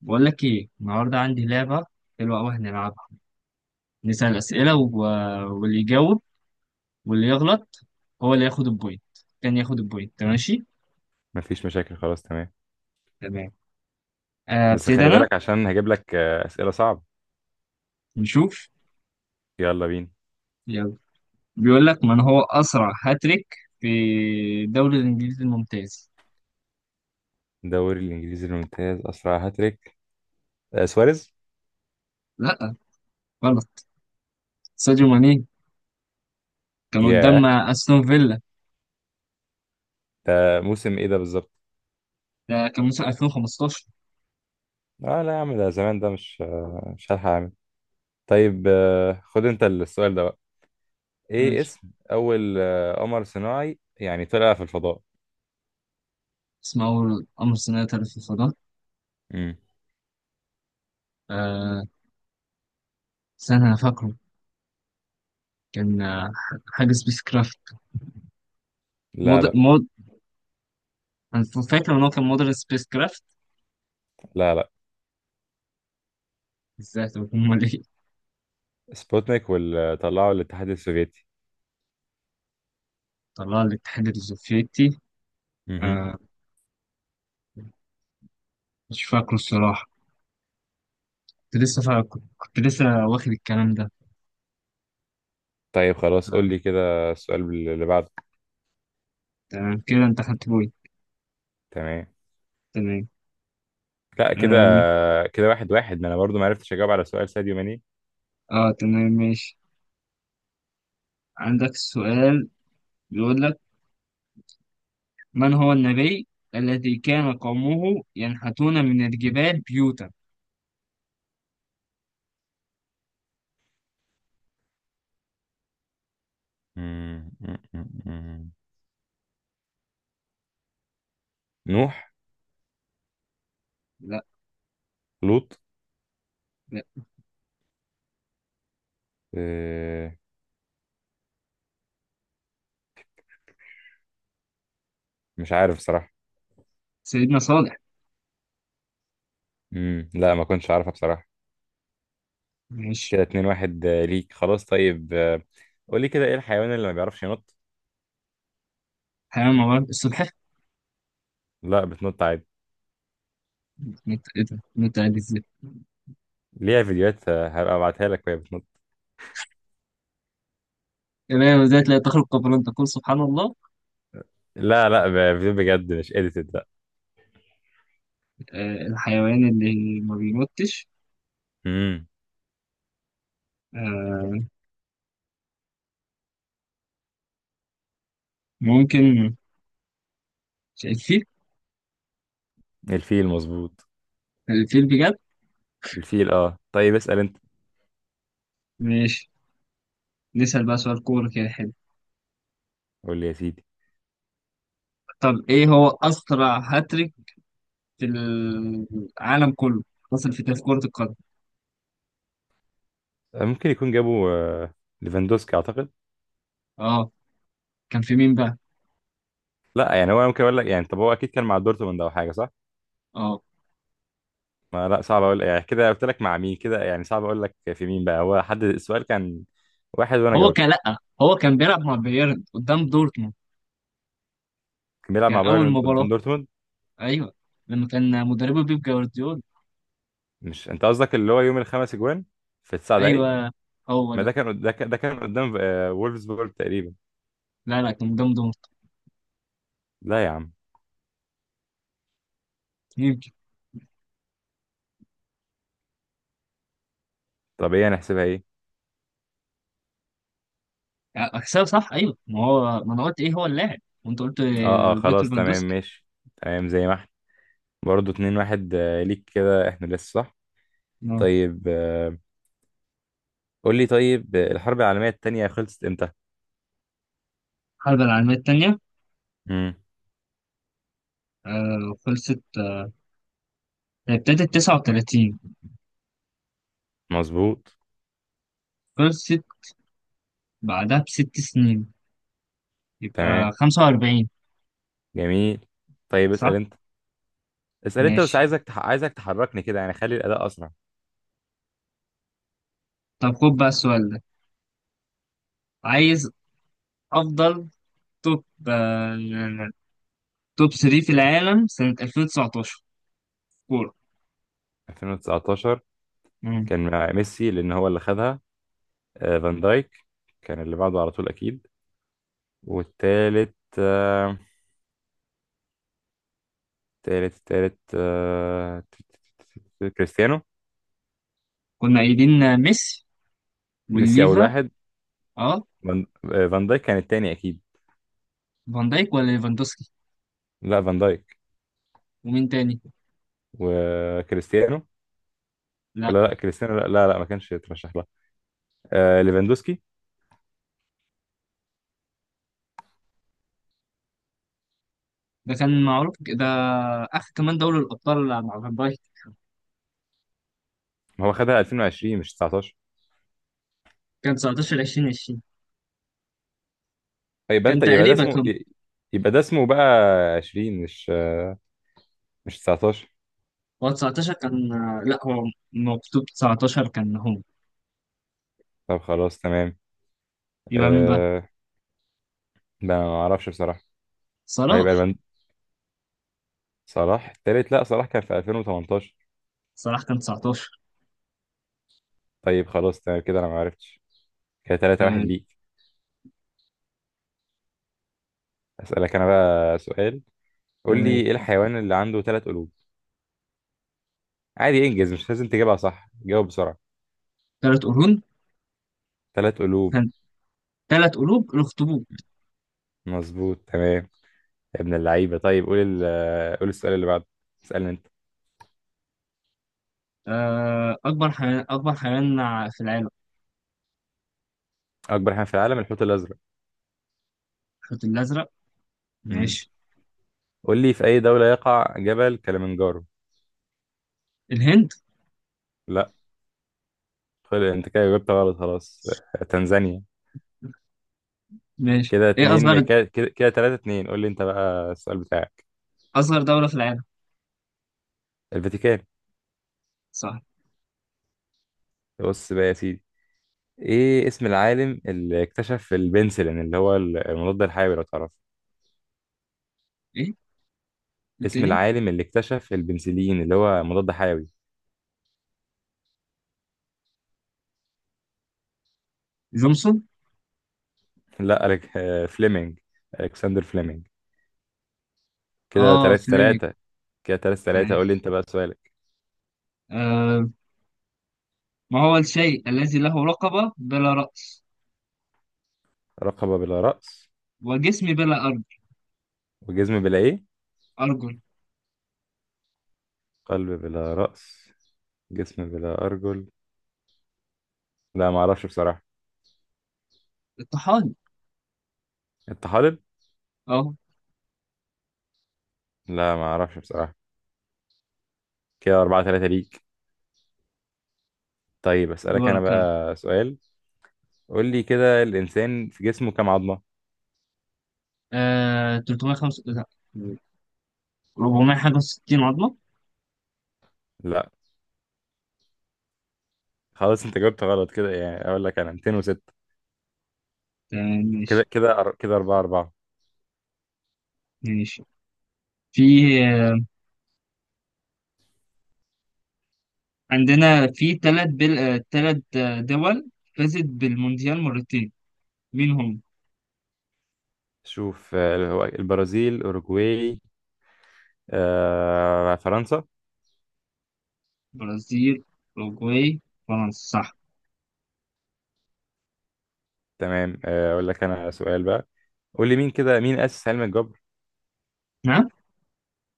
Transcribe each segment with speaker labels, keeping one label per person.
Speaker 1: بقول لك ايه النهارده عندي لعبه حلوه قوي هنلعبها. نسال اسئله واللي يجاوب واللي يغلط هو اللي ياخد البوينت. كان ياخد البوينت، ماشي؟
Speaker 2: مفيش مشاكل، خلاص تمام.
Speaker 1: تمام.
Speaker 2: بس
Speaker 1: ابتدي
Speaker 2: خلي
Speaker 1: انا.
Speaker 2: بالك عشان هجيب لك أسئلة صعبة.
Speaker 1: نشوف.
Speaker 2: يلا بينا.
Speaker 1: يلا. بيقول لك: من هو اسرع هاتريك في الدوري الانجليزي الممتاز؟
Speaker 2: الدوري الإنجليزي الممتاز، أسرع هاتريك سواريز.
Speaker 1: لا، غلط. ساديو ماني، كان قدام
Speaker 2: ياه،
Speaker 1: استون فيلا.
Speaker 2: ده موسم إيه ده بالظبط؟
Speaker 1: ده كان موسم 2015.
Speaker 2: اه لا يا عم، ده زمان، ده مش هلحق أعمل. طيب، خد أنت السؤال ده بقى. إيه
Speaker 1: ماشي.
Speaker 2: اسم أول قمر صناعي يعني طلع في الفضاء؟
Speaker 1: اسمه اول امر صناعي في الفضاء.
Speaker 2: مم.
Speaker 1: آه، استنى انا فاكره. كان حاجه سبيس كرافت.
Speaker 2: لا لا
Speaker 1: أنا فاكر إن هو كان مدرس سبيس كرافت.
Speaker 2: لا لا.
Speaker 1: إزاي؟ طب أمال إيه؟
Speaker 2: سبوتنيك، واللي طلعه الاتحاد السوفيتي.
Speaker 1: طلع الاتحاد السوفيتي.
Speaker 2: مهم.
Speaker 1: آه، مش فاكره الصراحة. كنت لسه فاكر، كنت لسه واخد الكلام ده.
Speaker 2: طيب خلاص، قول
Speaker 1: آه.
Speaker 2: لي كده السؤال اللي بعده.
Speaker 1: تمام كده، أنت خدت بوي.
Speaker 2: تمام.
Speaker 1: تمام.
Speaker 2: لا كده
Speaker 1: آم،
Speaker 2: كده، 1-1، ما انا برضو ما عرفتش اجاوب على سؤال ساديو ماني.
Speaker 1: آه تمام، ماشي. عندك سؤال. بيقول لك: من هو النبي الذي كان قومه ينحتون من الجبال بيوتا؟
Speaker 2: مم، مم، مم، مم. نوح.
Speaker 1: لا.
Speaker 2: لوط.
Speaker 1: لا.
Speaker 2: آه، مش عارف بصراحة.
Speaker 1: سيدنا صالح.
Speaker 2: لا، ما كنتش عارفها بصراحة.
Speaker 1: ماشي.
Speaker 2: كده 2-1 ليك. خلاص طيب، قولي كده، ايه الحيوان اللي ما بيعرفش ينط؟
Speaker 1: حيوان موارد السلحفاة.
Speaker 2: لا، بتنط عادي.
Speaker 1: إيه ده؟ إيه ده؟ إزاي؟
Speaker 2: ليها فيديوهات، هبقى ابعتها لك وهي بتنط.
Speaker 1: إيه ده؟ إزاي تلاقي تخرج قبل أن تقول سبحان الله.
Speaker 2: لا لا، فيديو بجد، مش اديتد. لا.
Speaker 1: الحيوان اللي ما بيموتش.
Speaker 2: امم.
Speaker 1: آه، ممكن الفيل.
Speaker 2: الفيل مظبوط.
Speaker 1: الفيل بجد.
Speaker 2: الفيل، اه، طيب اسأل انت.
Speaker 1: ماشي. نسأل بقى سؤال كورة، كده حلو.
Speaker 2: قول لي يا سيدي.
Speaker 1: طب ايه هو أسرع هاتريك في العالم كله، حصل في تاريخ كرة القدم؟
Speaker 2: ممكن يكون جابوا ليفاندوسكي اعتقد.
Speaker 1: اه. كان في مين بقى؟
Speaker 2: لا، يعني هو ممكن اقول لك، يعني طب هو اكيد كان مع دورتموند او حاجه، صح؟
Speaker 1: اه،
Speaker 2: ما لا، صعب اقول، يعني كده قلت لك مع مين كده، يعني صعب اقول لك في مين بقى. هو حد السؤال كان واحد وانا
Speaker 1: هو كان،
Speaker 2: جاوبته.
Speaker 1: لأ هو كان بيلعب مع بايرن قدام دورتموند.
Speaker 2: كان بيلعب
Speaker 1: كان
Speaker 2: مع
Speaker 1: أول
Speaker 2: بايرن
Speaker 1: مباراة،
Speaker 2: قدام دورتموند.
Speaker 1: أيوه، لما كان مدربه بيب جوارديولا.
Speaker 2: مش انت قصدك اللي هو يوم الخمس اجوان في 9 دقايق؟
Speaker 1: أيوه، هو
Speaker 2: ما ده
Speaker 1: ده.
Speaker 2: كان قدام وولفسبورج تقريبا.
Speaker 1: لا لا، كان قدام
Speaker 2: لا يا عم.
Speaker 1: دورتموند.
Speaker 2: طب ايه هنحسبها ايه؟
Speaker 1: اكسل صح. ايوه، ما هو ما انا قلت ايه هو اللاعب وانت قلت
Speaker 2: اه اه،
Speaker 1: روبرت
Speaker 2: خلاص تمام
Speaker 1: ليفاندوسكي.
Speaker 2: ماشي. تمام، زي ما احنا برضه 2-1 ليك كده، احنا لسه، صح؟
Speaker 1: اه.
Speaker 2: طيب، قول لي. طيب، الحرب العالميه الثانيه خلصت امتى؟
Speaker 1: الحرب العالميه الثانيه،
Speaker 2: امم.
Speaker 1: آه، خلصت. آه، ابتدت 39،
Speaker 2: مظبوط.
Speaker 1: خلصت بعدها بـ6 سنين، يبقى
Speaker 2: تمام.
Speaker 1: 45.
Speaker 2: جميل. طيب
Speaker 1: صح.
Speaker 2: اسأل انت. اسأل انت بس،
Speaker 1: ماشي.
Speaker 2: عايزك عايزك تحركني كده، يعني خلي الأداء أسرع.
Speaker 1: طب خد بقى السؤال ده. عايز افضل توب، آه توب 3 في العالم سنه 2019، كوره.
Speaker 2: 2019.
Speaker 1: مم.
Speaker 2: كان مع ميسي لأن هو اللي خدها. فان دايك كان اللي بعده على طول أكيد. والتالت، تالت تالت، كريستيانو.
Speaker 1: كنا قايلين ميسي
Speaker 2: ميسي أول
Speaker 1: والليفا.
Speaker 2: واحد.
Speaker 1: اه.
Speaker 2: فان دايك كان التاني أكيد.
Speaker 1: فان دايك ولا ليفاندوسكي؟
Speaker 2: لا، فان دايك.
Speaker 1: ومين تاني؟
Speaker 2: وكريستيانو. ولا
Speaker 1: لا،
Speaker 2: لا، كريستيانو، لا لا، لا، ما كانش يترشح لها. ليفاندوسكي.
Speaker 1: ده كان معروف ده، اخر كمان دوري الابطال مع فان بايك.
Speaker 2: هو خدها 2020 مش 19.
Speaker 1: كان 19 2020،
Speaker 2: يبقى
Speaker 1: كان
Speaker 2: انت، يبقى ده
Speaker 1: تقريبا
Speaker 2: اسمه،
Speaker 1: كان.
Speaker 2: بقى 20 مش 19.
Speaker 1: هو 19 كان، لا هو مكتوب 19، كان هو.
Speaker 2: طب خلاص تمام.
Speaker 1: يبقى مين بقى؟
Speaker 2: أه... ده أنا ما اعرفش بصراحة. ما يبقى
Speaker 1: صلاح.
Speaker 2: البند، صلاح التالت، لا، صلاح كان في 2018.
Speaker 1: صلاح كان 19.
Speaker 2: طيب خلاص تمام، كده انا ما عرفتش. كده 3 واحد
Speaker 1: تمام.
Speaker 2: ليك. اسألك انا بقى سؤال. قول لي،
Speaker 1: تمام.
Speaker 2: ايه الحيوان اللي عنده 3 قلوب؟ عادي انجز، مش لازم تجيبها صح، جاوب بسرعة.
Speaker 1: ثلاث قرون.
Speaker 2: 3 قلوب.
Speaker 1: كان ثلاث قلوب الاخطبوط.
Speaker 2: مظبوط تمام. يا ابن اللعيبة. طيب قول قول السؤال اللي بعده. اسألني انت.
Speaker 1: آه، اكبر حيوان، اكبر حيوان في العالم.
Speaker 2: اكبر حيوان في العالم، الحوت الازرق.
Speaker 1: الحوت الازرق.
Speaker 2: امم.
Speaker 1: ماشي.
Speaker 2: قول لي، في أي دولة يقع جبل كليمنجارو؟
Speaker 1: الهند.
Speaker 2: لا. خلي أنت كده، جبت غلط خلاص. تنزانيا.
Speaker 1: ماشي.
Speaker 2: كده
Speaker 1: ايه
Speaker 2: اتنين
Speaker 1: اصغر،
Speaker 2: كده، 3-2. قول لي أنت بقى السؤال بتاعك.
Speaker 1: اصغر دولة في العالم؟
Speaker 2: الفاتيكان.
Speaker 1: صح.
Speaker 2: بص بقى يا سيدي، إيه اسم العالم اللي اكتشف البنسلين اللي هو المضاد الحيوي، لو تعرف؟
Speaker 1: ايه
Speaker 2: اسم
Speaker 1: التاني؟
Speaker 2: العالم اللي اكتشف البنسلين اللي هو مضاد حيوي.
Speaker 1: جونسون.
Speaker 2: لا، ألك... آه، فليمنج. ألكسندر فليمنج. كده
Speaker 1: اه،
Speaker 2: تلاتة
Speaker 1: فليمنج.
Speaker 2: تلاتة. كده 3-3، قول لي
Speaker 1: ماشي.
Speaker 2: أنت بقى سؤالك.
Speaker 1: آه، ما هو الشيء الذي له رقبة بلا رأس
Speaker 2: رقبة بلا رأس.
Speaker 1: وجسم بلا أرجل؟
Speaker 2: وجزم بلا إيه؟
Speaker 1: أرجل.
Speaker 2: قلب بلا رأس، جسم بلا أرجل. لا، ما أعرفش بصراحة.
Speaker 1: الطحال.
Speaker 2: أنت حاضر؟
Speaker 1: أهو.
Speaker 2: لا، ما أعرفش بصراحة. كده 4-3 ليك. طيب أسألك أنا
Speaker 1: دورك يلا.
Speaker 2: بقى سؤال. قول لي كده، الإنسان في جسمه كام عظمة؟
Speaker 1: آه، 305، لا، 400 حاجة و60 عظمة.
Speaker 2: لا. خلاص، أنت جاوبت غلط كده، يعني أقول لك أنا 206.
Speaker 1: تمام
Speaker 2: كده
Speaker 1: ماشي.
Speaker 2: كده أر- كده 4-4.
Speaker 1: ماشي. في، آه، عندنا في تلات دول فازت بالمونديال مرتين. مين هم؟
Speaker 2: شوف، هو البرازيل، أوروجواي، فرنسا.
Speaker 1: برازيل، أوروجواي، فرنسا. صح.
Speaker 2: تمام، أقول لك أنا سؤال بقى. قول لي، مين أسس علم الجبر؟
Speaker 1: ها.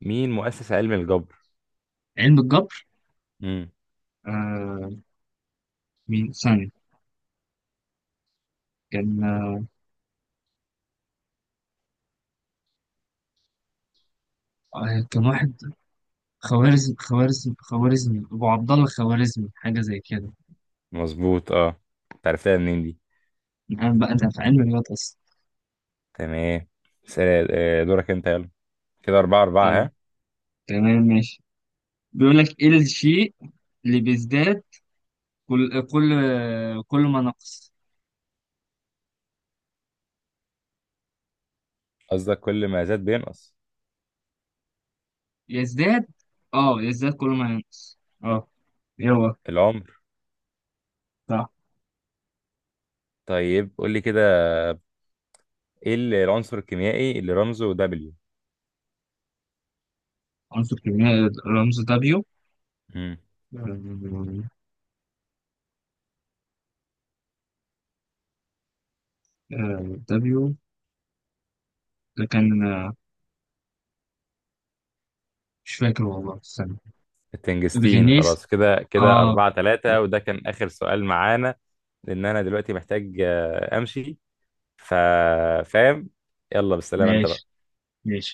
Speaker 2: مين مؤسس علم الجبر؟
Speaker 1: علم الجبر.
Speaker 2: امم.
Speaker 1: آه، مين ثانية. كان، آه كان واحد، خوارزمي، أبو عبد الله الخوارزمي، حاجة زي كده.
Speaker 2: مظبوط، أه. أنت عرفتها منين دي؟
Speaker 1: أنا بقى، أنا في علم الرياضة أصلا.
Speaker 2: تمام. دورك انت، يلا. كده 4-4،
Speaker 1: جامد.
Speaker 2: ها.
Speaker 1: تمام ماشي. بيقول لك: إيه الشيء اللي بيزداد كل كل ما نقص؟
Speaker 2: قصدك كل ما زاد بينقص؟
Speaker 1: يزداد، أه، يزداد كل ما ينقص، أه. يلا.
Speaker 2: العمر.
Speaker 1: صح.
Speaker 2: طيب قول لي كده، ايه العنصر الكيميائي اللي رمزه دبليو؟
Speaker 1: عنصر كيميائي رمز دبليو.
Speaker 2: امم.
Speaker 1: دبليو، ده كان، مش فاكر والله، استنى.
Speaker 2: التنجستين.
Speaker 1: الغنيس.
Speaker 2: خلاص، كده
Speaker 1: أه.
Speaker 2: 4-3، وده كان آخر سؤال معانا، لأن أنا دلوقتي محتاج أمشي. فاهم. يلا بالسلامة أنت
Speaker 1: ماشي.
Speaker 2: بقى.
Speaker 1: ماشي.